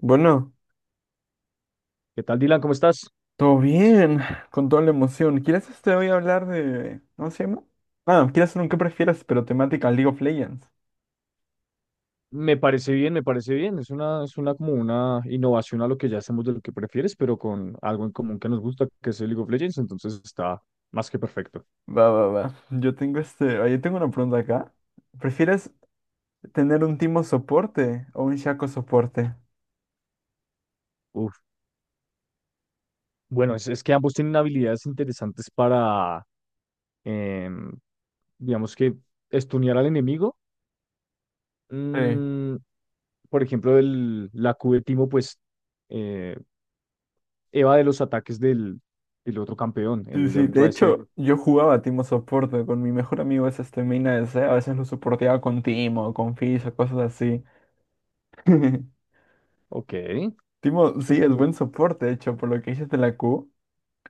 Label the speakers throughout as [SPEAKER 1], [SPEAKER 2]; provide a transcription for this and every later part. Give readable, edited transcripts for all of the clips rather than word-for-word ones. [SPEAKER 1] Bueno,
[SPEAKER 2] ¿Qué tal, Dylan? ¿Cómo estás?
[SPEAKER 1] todo bien, con toda la emoción. ¿Quieres este hoy hablar de? ¿Cómo se llama? Ah, quieres hacer un qué prefieres, pero temática League of Legends.
[SPEAKER 2] Me parece bien, me parece bien. Es una como una innovación a lo que ya hacemos de lo que prefieres, pero con algo en común que nos gusta, que es el League of Legends, entonces está más que perfecto.
[SPEAKER 1] Va, va, va. Yo tengo una pregunta acá. ¿Prefieres tener un Timo soporte o un Shaco soporte?
[SPEAKER 2] Uf. Bueno, es que ambos tienen habilidades interesantes para, em, digamos que, estunear al enemigo.
[SPEAKER 1] Sí.
[SPEAKER 2] Mm, por ejemplo, la Q de Timo, pues, eh, eva de los ataques del otro campeón,
[SPEAKER 1] Sí,
[SPEAKER 2] de
[SPEAKER 1] sí.
[SPEAKER 2] otro
[SPEAKER 1] De
[SPEAKER 2] ADC.
[SPEAKER 1] hecho, yo jugaba Timo soporte con mi mejor amigo, es este Mina de C. A veces lo soporteaba con Timo, con Fizz o cosas así.
[SPEAKER 2] Ok.
[SPEAKER 1] Timo, sí,
[SPEAKER 2] Uf,
[SPEAKER 1] es buen soporte, de hecho, por lo que dices de la Q.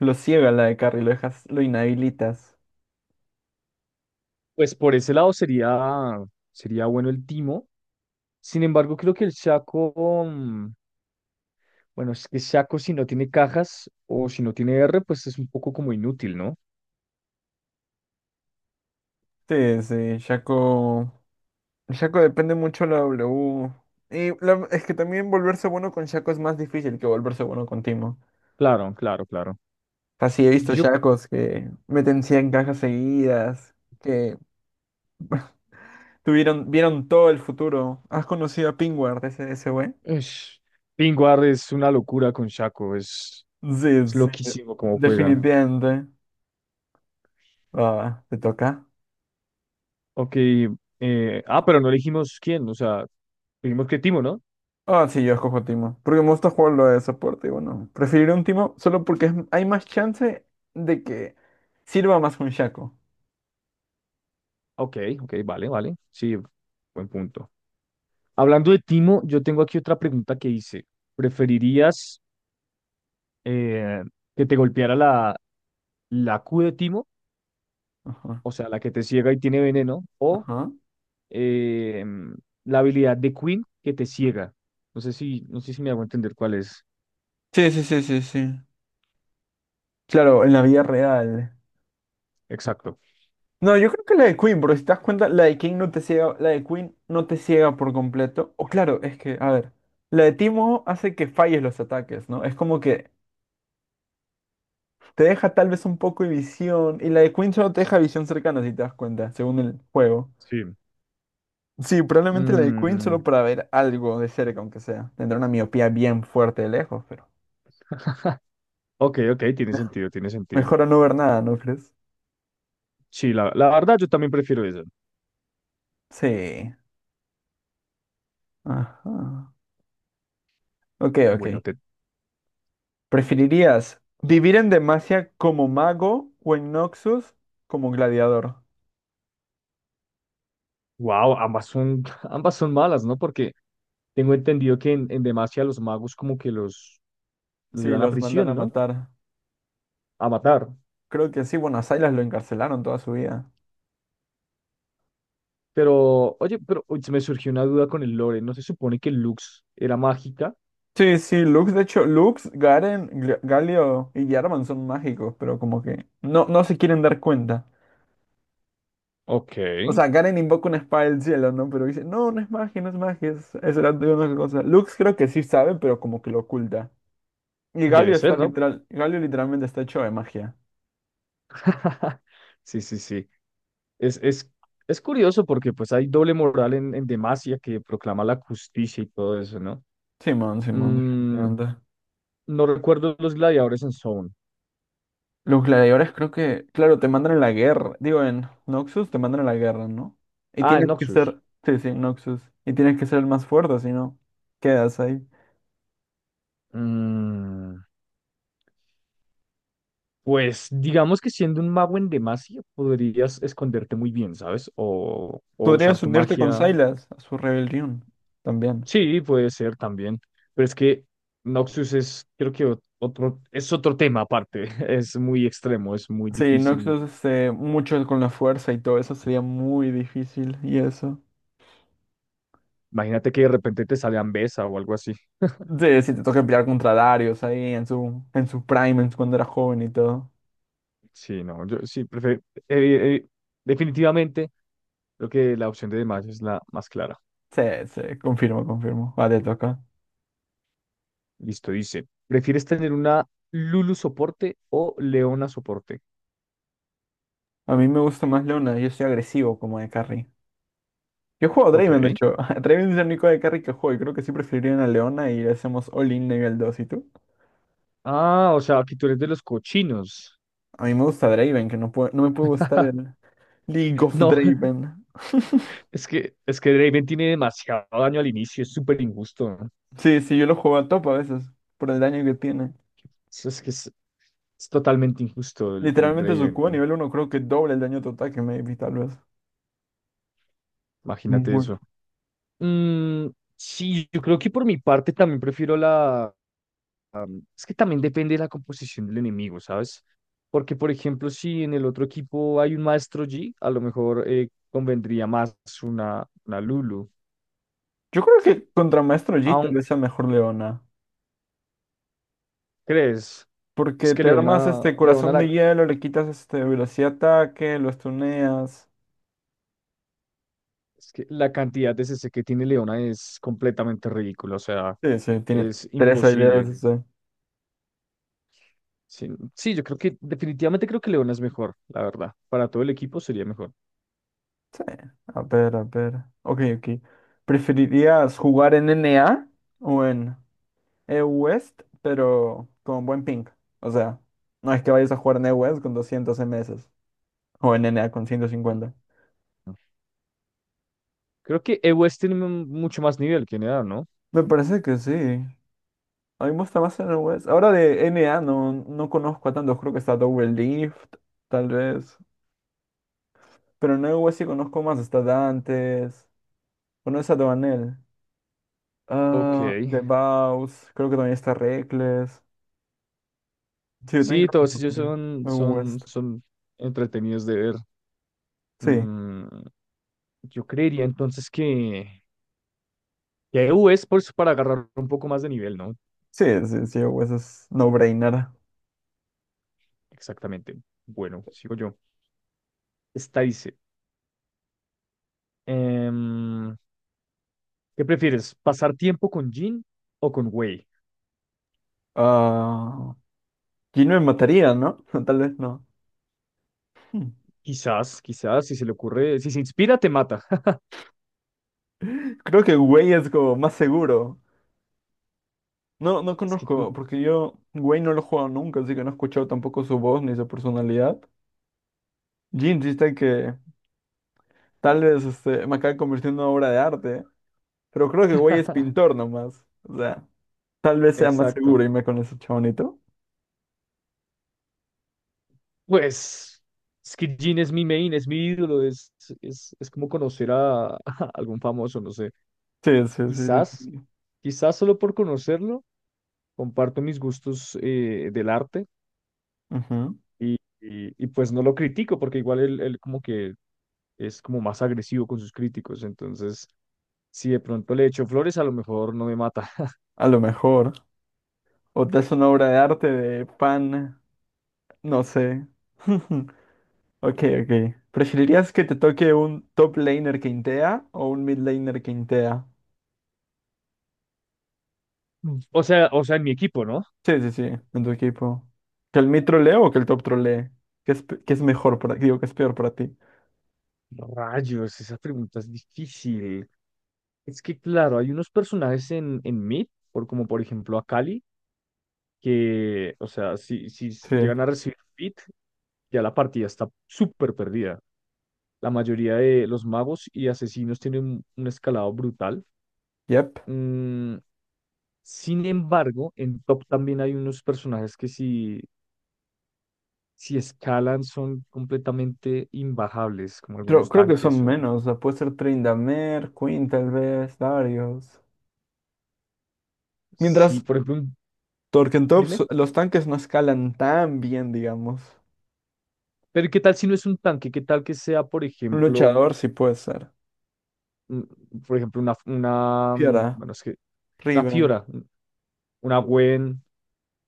[SPEAKER 1] Lo ciega la de carry, lo dejas, lo inhabilitas.
[SPEAKER 2] pues por ese lado sería bueno el Timo. Sin embargo, creo que el Shaco, bueno, es que Shaco si no tiene cajas o si no tiene R, pues es un poco como inútil, ¿no?
[SPEAKER 1] Sí, sí, Shaco. Shaco depende mucho de la W. Y es que también volverse bueno con Shaco es más difícil que volverse bueno con Timo.
[SPEAKER 2] Claro, claro, claro.
[SPEAKER 1] Así he visto
[SPEAKER 2] Yo,
[SPEAKER 1] Shacos que meten 100 cajas seguidas, que tuvieron, vieron todo el futuro. ¿Has conocido a Pingward, ese güey?
[SPEAKER 2] es, Pingwar es una locura con Shaco, es,
[SPEAKER 1] Sí,
[SPEAKER 2] es
[SPEAKER 1] sí,
[SPEAKER 2] loquísimo cómo juega.
[SPEAKER 1] definitivamente. Va, va, te toca.
[SPEAKER 2] Ok, pero no elegimos quién, o sea, dijimos que Timo, ¿no?
[SPEAKER 1] Ah, sí, yo escojo Timo. Porque me gusta jugarlo de soporte. Y bueno, preferiré un Timo solo porque hay más chance de que sirva más un Shaco.
[SPEAKER 2] Ok, ok, vale, vale, sí, buen punto. Hablando de Timo, yo tengo aquí otra pregunta que hice. ¿Preferirías eh, que te golpeara la Q de Timo,
[SPEAKER 1] Ajá.
[SPEAKER 2] o sea, la que te ciega y tiene veneno, o
[SPEAKER 1] Ajá.
[SPEAKER 2] eh, la habilidad de Queen que te ciega? No sé si me hago entender cuál es.
[SPEAKER 1] Sí, sí, sí, sí, sí. Claro, en la vida real.
[SPEAKER 2] Exacto.
[SPEAKER 1] No, yo creo que la de Queen, porque si te das cuenta, la de King no te ciega, la de Queen no te ciega por completo. O claro, es que, a ver, la de Timo hace que falles los ataques, ¿no? Es como que te deja tal vez un poco de visión, y la de Queen solo te deja visión cercana, si te das cuenta, según el juego.
[SPEAKER 2] Sí.
[SPEAKER 1] Sí, probablemente la de Queen
[SPEAKER 2] Mm,
[SPEAKER 1] solo para ver algo de cerca, aunque sea. Tendrá una miopía bien fuerte de lejos, pero
[SPEAKER 2] ok, ok, tiene sentido, tiene sentido.
[SPEAKER 1] mejor a no ver nada, ¿no crees?
[SPEAKER 2] Sí, la verdad yo también prefiero eso.
[SPEAKER 1] Sí. Ajá. Ok, ok.
[SPEAKER 2] Bueno,
[SPEAKER 1] ¿Preferirías vivir en Demacia como mago o en Noxus como gladiador?
[SPEAKER 2] wow, ambas son, ambas son malas, ¿no? Porque tengo entendido que en Demacia los magos como que los
[SPEAKER 1] Sí,
[SPEAKER 2] llevan a
[SPEAKER 1] los mandan a
[SPEAKER 2] prisión, ¿no?
[SPEAKER 1] matar.
[SPEAKER 2] A matar.
[SPEAKER 1] Creo que sí, bueno, a Sylas lo encarcelaron toda su vida.
[SPEAKER 2] Pero, oye, pero uy, se me surgió una duda con el lore. ¿No se supone que Lux era mágica?
[SPEAKER 1] Sí, sí, Lux, de hecho, Lux, Garen, Galio y Jarvan son mágicos, pero como que no, no se quieren dar cuenta.
[SPEAKER 2] Ok.
[SPEAKER 1] O sea, Karen invoca una espada del cielo, ¿no? Pero dice, no, no es magia, no es magia, es era de una cosa. Lux creo que sí sabe, pero como que lo oculta. Y
[SPEAKER 2] Debe
[SPEAKER 1] Galio
[SPEAKER 2] ser,
[SPEAKER 1] está
[SPEAKER 2] ¿no?
[SPEAKER 1] literal, Galio literalmente está hecho de magia.
[SPEAKER 2] Sí, sí, sí. Es, es, es curioso porque pues hay doble moral en Demacia que proclama la justicia y todo eso, ¿no?
[SPEAKER 1] Simón, Simón,
[SPEAKER 2] Mm,
[SPEAKER 1] definitivamente.
[SPEAKER 2] no recuerdo los gladiadores en Zone.
[SPEAKER 1] Los gladiadores creo que, claro, te mandan a la guerra. Digo, en Noxus te mandan a la guerra, ¿no? Y
[SPEAKER 2] Ah, en
[SPEAKER 1] tienes que
[SPEAKER 2] Noxus.
[SPEAKER 1] ser, sí, sí, Noxus. Y tienes que ser el más fuerte, si no, quedas ahí.
[SPEAKER 2] Mm, pues digamos que siendo un mago en Demacia podrías esconderte muy bien, ¿sabes? O usar
[SPEAKER 1] Podrías
[SPEAKER 2] tu
[SPEAKER 1] unirte con
[SPEAKER 2] magia.
[SPEAKER 1] Sylas a su rebelión también.
[SPEAKER 2] Sí, puede ser también, pero es que Noxus es, creo que otro, es otro tema aparte, es muy extremo, es muy
[SPEAKER 1] Sí,
[SPEAKER 2] difícil.
[SPEAKER 1] Noxus, mucho con la fuerza y todo eso sería muy difícil y eso.
[SPEAKER 2] Imagínate que de repente te sale Ambesa o algo así.
[SPEAKER 1] Sí, si te toca pelear contra Darius ahí en su prime, cuando era joven y todo.
[SPEAKER 2] Sí, no, yo sí, prefiero, definitivamente creo que la opción de Demacia es la más clara.
[SPEAKER 1] Sí, sí, confirmo, confirmo. Va, te toca.
[SPEAKER 2] Listo, dice, ¿prefieres tener una Lulu soporte o Leona soporte?
[SPEAKER 1] A mí me gusta más Leona, yo soy agresivo como de carry. Yo juego a
[SPEAKER 2] Ok.
[SPEAKER 1] Draven, de hecho. Draven es el único de carry que juego y creo que sí preferiría una Leona y hacemos all-in nivel 2. ¿Y tú?
[SPEAKER 2] Ah, o sea, aquí tú eres de los cochinos.
[SPEAKER 1] A mí me gusta Draven, que no puede, no me puede gustar el League of
[SPEAKER 2] No,
[SPEAKER 1] Draven.
[SPEAKER 2] es que, Draven tiene demasiado daño al inicio, es súper injusto.
[SPEAKER 1] Sí, sí, yo lo juego a top a veces por el daño que tiene.
[SPEAKER 2] Sí, es que es totalmente injusto el
[SPEAKER 1] Literalmente su
[SPEAKER 2] Raven,
[SPEAKER 1] Q a nivel 1 creo que doble el daño total que Maybe, tal vez.
[SPEAKER 2] imagínate
[SPEAKER 1] Muy.
[SPEAKER 2] eso. Mm, sí, yo creo que por mi parte también prefiero la... es que también depende de la composición del enemigo, ¿sabes? Porque, por ejemplo, si en el otro equipo hay un Maestro G, a lo mejor convendría más una Lulu.
[SPEAKER 1] Yo creo que contra Maestro Yi tal
[SPEAKER 2] Aún,
[SPEAKER 1] vez sea mejor Leona.
[SPEAKER 2] ¿crees? Es
[SPEAKER 1] Porque
[SPEAKER 2] que
[SPEAKER 1] te armas
[SPEAKER 2] Leona,
[SPEAKER 1] este
[SPEAKER 2] Leona
[SPEAKER 1] corazón
[SPEAKER 2] la,
[SPEAKER 1] de hielo, le quitas este velocidad de ataque, lo stuneas.
[SPEAKER 2] es que la cantidad de CC que tiene Leona es completamente ridícula, o sea,
[SPEAKER 1] Sí, sí, tiene
[SPEAKER 2] es
[SPEAKER 1] tres habilidades.
[SPEAKER 2] imposible. Sí, sí, yo creo que definitivamente creo que León es mejor, la verdad. Para todo el equipo sería mejor.
[SPEAKER 1] Sí. A ver, a ver. Ok, ok. ¿Preferirías jugar en NA o en EU-West, pero con buen ping? O sea, no es que vayas a jugar en EU-West con 200 MS o en NA con 150.
[SPEAKER 2] Creo que EU West tiene mucho más nivel que Enea, ¿no?
[SPEAKER 1] Me parece que sí. A mí me gusta más NOS. Ahora de NA no, no conozco a tantos. Creo que está Double Lift, tal vez. Pero en NOS sí conozco más. Está Dantes. ¿Conoces a Dovanel?
[SPEAKER 2] Ok.
[SPEAKER 1] Ah, The Baus. Creo que también está Reckless. Sí, yo tengo
[SPEAKER 2] Sí, todos ellos son,
[SPEAKER 1] que
[SPEAKER 2] son,
[SPEAKER 1] West.
[SPEAKER 2] son entretenidos de ver.
[SPEAKER 1] Sí,
[SPEAKER 2] Mm, yo creería entonces que EU West para agarrar un poco más de nivel, ¿no?
[SPEAKER 1] sí, sí, sí, West es no-brainer.
[SPEAKER 2] Exactamente. Bueno, sigo yo. Esta dice, em, ¿qué prefieres? ¿Pasar tiempo con Jin o con Wei?
[SPEAKER 1] Ah, Jin me mataría, ¿no? Tal vez no. Hmm.
[SPEAKER 2] Quizás, quizás, si se le ocurre, si se inspira, te mata.
[SPEAKER 1] Creo que Way es como más seguro. No, no
[SPEAKER 2] Es que-
[SPEAKER 1] conozco, porque yo, Wayne no lo he jugado nunca, así que no he escuchado tampoco su voz ni su personalidad. Jin insiste que tal vez este, me acabe convirtiendo en una obra de arte, pero creo que Wayne es pintor nomás. O sea, tal vez sea más seguro
[SPEAKER 2] Exacto.
[SPEAKER 1] irme con ese chabonito.
[SPEAKER 2] Pues Skid Gene es mi main, es mi ídolo, es como conocer a, a algún famoso, no sé.
[SPEAKER 1] Sí, sí, sí.
[SPEAKER 2] Quizás,
[SPEAKER 1] Sí.
[SPEAKER 2] quizás solo por conocerlo, comparto mis gustos del arte
[SPEAKER 1] Ujú.
[SPEAKER 2] y, y pues no lo critico porque igual él como que es como más agresivo con sus críticos, entonces si de pronto le echo flores, a lo mejor no me mata.
[SPEAKER 1] A lo mejor. O te hace una obra de arte de pan, no sé. Ok, ok. ¿Preferirías que te toque un top laner que intea o un mid laner que intea?
[SPEAKER 2] O sea, en mi equipo, ¿no?
[SPEAKER 1] Sí, sí, sí, en tu equipo. ¿Que el mid trolee o que el top trolee? ¿Qué es mejor para ti? Digo, ¿qué es peor para ti?
[SPEAKER 2] Rayos, esa pregunta es difícil. Es que claro, hay unos personajes en Meet, como por ejemplo a Cali, que, o sea, si
[SPEAKER 1] Sí.
[SPEAKER 2] llegan a recibir Fit, ya la partida está súper perdida. La mayoría de los magos y asesinos tienen un escalado brutal.
[SPEAKER 1] Yep.
[SPEAKER 2] Mm, sin embargo, en Top también hay unos personajes que si escalan son completamente imbajables, como
[SPEAKER 1] Creo,
[SPEAKER 2] algunos
[SPEAKER 1] creo que son
[SPEAKER 2] tanques o...
[SPEAKER 1] menos. O sea, puede ser Tryndamere, Quinn tal vez, Darius.
[SPEAKER 2] Sí,
[SPEAKER 1] Mientras
[SPEAKER 2] por ejemplo, dime,
[SPEAKER 1] Torkentops, los tanques no escalan tan bien, digamos.
[SPEAKER 2] pero ¿qué tal si no es un tanque? ¿Qué tal que sea, por
[SPEAKER 1] Un
[SPEAKER 2] ejemplo...
[SPEAKER 1] luchador sí puede ser.
[SPEAKER 2] mm, por ejemplo,
[SPEAKER 1] Fiora,
[SPEAKER 2] bueno, es que una
[SPEAKER 1] Riven.
[SPEAKER 2] Fiora, una Gwen,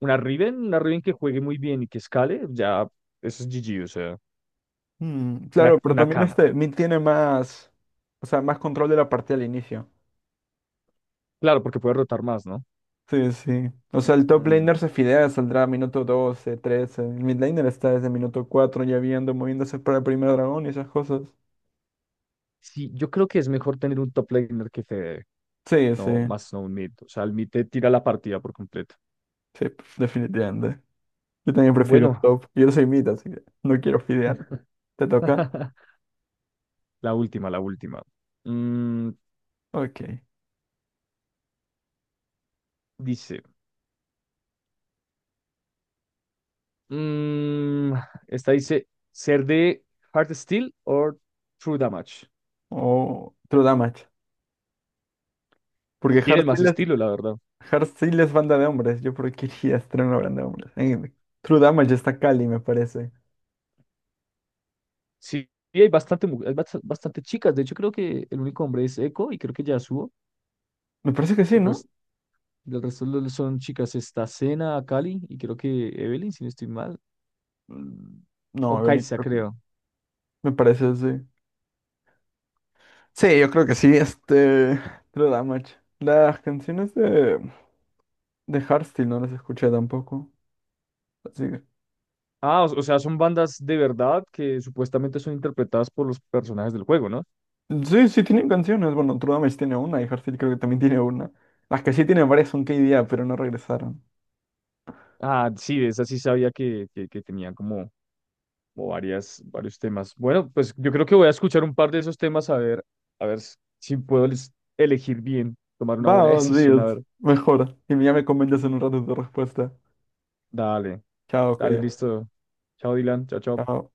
[SPEAKER 2] una Riven que juegue muy bien y que escale, ya eso es GG, o sea,
[SPEAKER 1] Claro,
[SPEAKER 2] una,
[SPEAKER 1] pero
[SPEAKER 2] una
[SPEAKER 1] también
[SPEAKER 2] Cam.
[SPEAKER 1] este mid tiene más, o sea, más control de la partida al inicio.
[SPEAKER 2] Claro, porque puede rotar más, ¿no?
[SPEAKER 1] Sí, sí. O sea, el top
[SPEAKER 2] Mm,
[SPEAKER 1] laner se fidea, saldrá minuto 12, 13. El mid laner está desde minuto 4 ya viendo, moviéndose para el primer dragón y esas cosas.
[SPEAKER 2] sí, yo creo que es mejor tener un top laner que Fede,
[SPEAKER 1] Sí, sí.
[SPEAKER 2] no, más no un mid. O sea, el mid te tira la partida por completo.
[SPEAKER 1] Sí, definitivamente. Yo también prefiero
[SPEAKER 2] Bueno,
[SPEAKER 1] top. Yo soy mid, así que no quiero fidear. ¿Te toca?
[SPEAKER 2] la última, la última. Mm,
[SPEAKER 1] Ok.
[SPEAKER 2] dice, mm, esta dice, ser de Hard Steel o True Damage.
[SPEAKER 1] O True Damage. Porque Hard
[SPEAKER 2] Tienen más
[SPEAKER 1] Seal es,
[SPEAKER 2] estilo, la verdad.
[SPEAKER 1] Hard Seal es banda de hombres. Yo por qué iría a estar en una banda de hombres. True Damage está Cali, me parece.
[SPEAKER 2] Sí, y hay bastante bastante chicas. De hecho, creo que el único hombre es Echo y creo que Yasuo.
[SPEAKER 1] Me parece que sí,
[SPEAKER 2] El
[SPEAKER 1] ¿no?
[SPEAKER 2] resto, el resto son chicas. Está Senna, Akali y creo que Evelyn, si no estoy mal.
[SPEAKER 1] Mm, No,
[SPEAKER 2] O
[SPEAKER 1] Evelyn,
[SPEAKER 2] Kai'Sa,
[SPEAKER 1] creo que no.
[SPEAKER 2] creo.
[SPEAKER 1] Me parece, sí. Sí, yo creo que sí, este, True Damage. Las canciones de Hardstyle no las escuché tampoco. Así que.
[SPEAKER 2] Ah, o sea, son bandas de verdad que supuestamente son interpretadas por los personajes del juego, ¿no?
[SPEAKER 1] Sí, sí tienen canciones. Bueno, True Damage tiene una y Hardstyle creo que también tiene una. Las que sí tienen varias son KDA, pero no regresaron.
[SPEAKER 2] Ah, sí, de esa sí sabía que tenían como varios temas. Bueno, pues yo creo que voy a escuchar un par de esos temas a ver si puedo elegir bien, tomar una buena
[SPEAKER 1] Va,
[SPEAKER 2] decisión, a
[SPEAKER 1] Dios,
[SPEAKER 2] ver.
[SPEAKER 1] mejor. Y ya me comentas en un rato tu respuesta.
[SPEAKER 2] Dale,
[SPEAKER 1] Chao,
[SPEAKER 2] dale,
[SPEAKER 1] que.
[SPEAKER 2] listo. Chao, Dylan. Chao, chao.
[SPEAKER 1] Chao.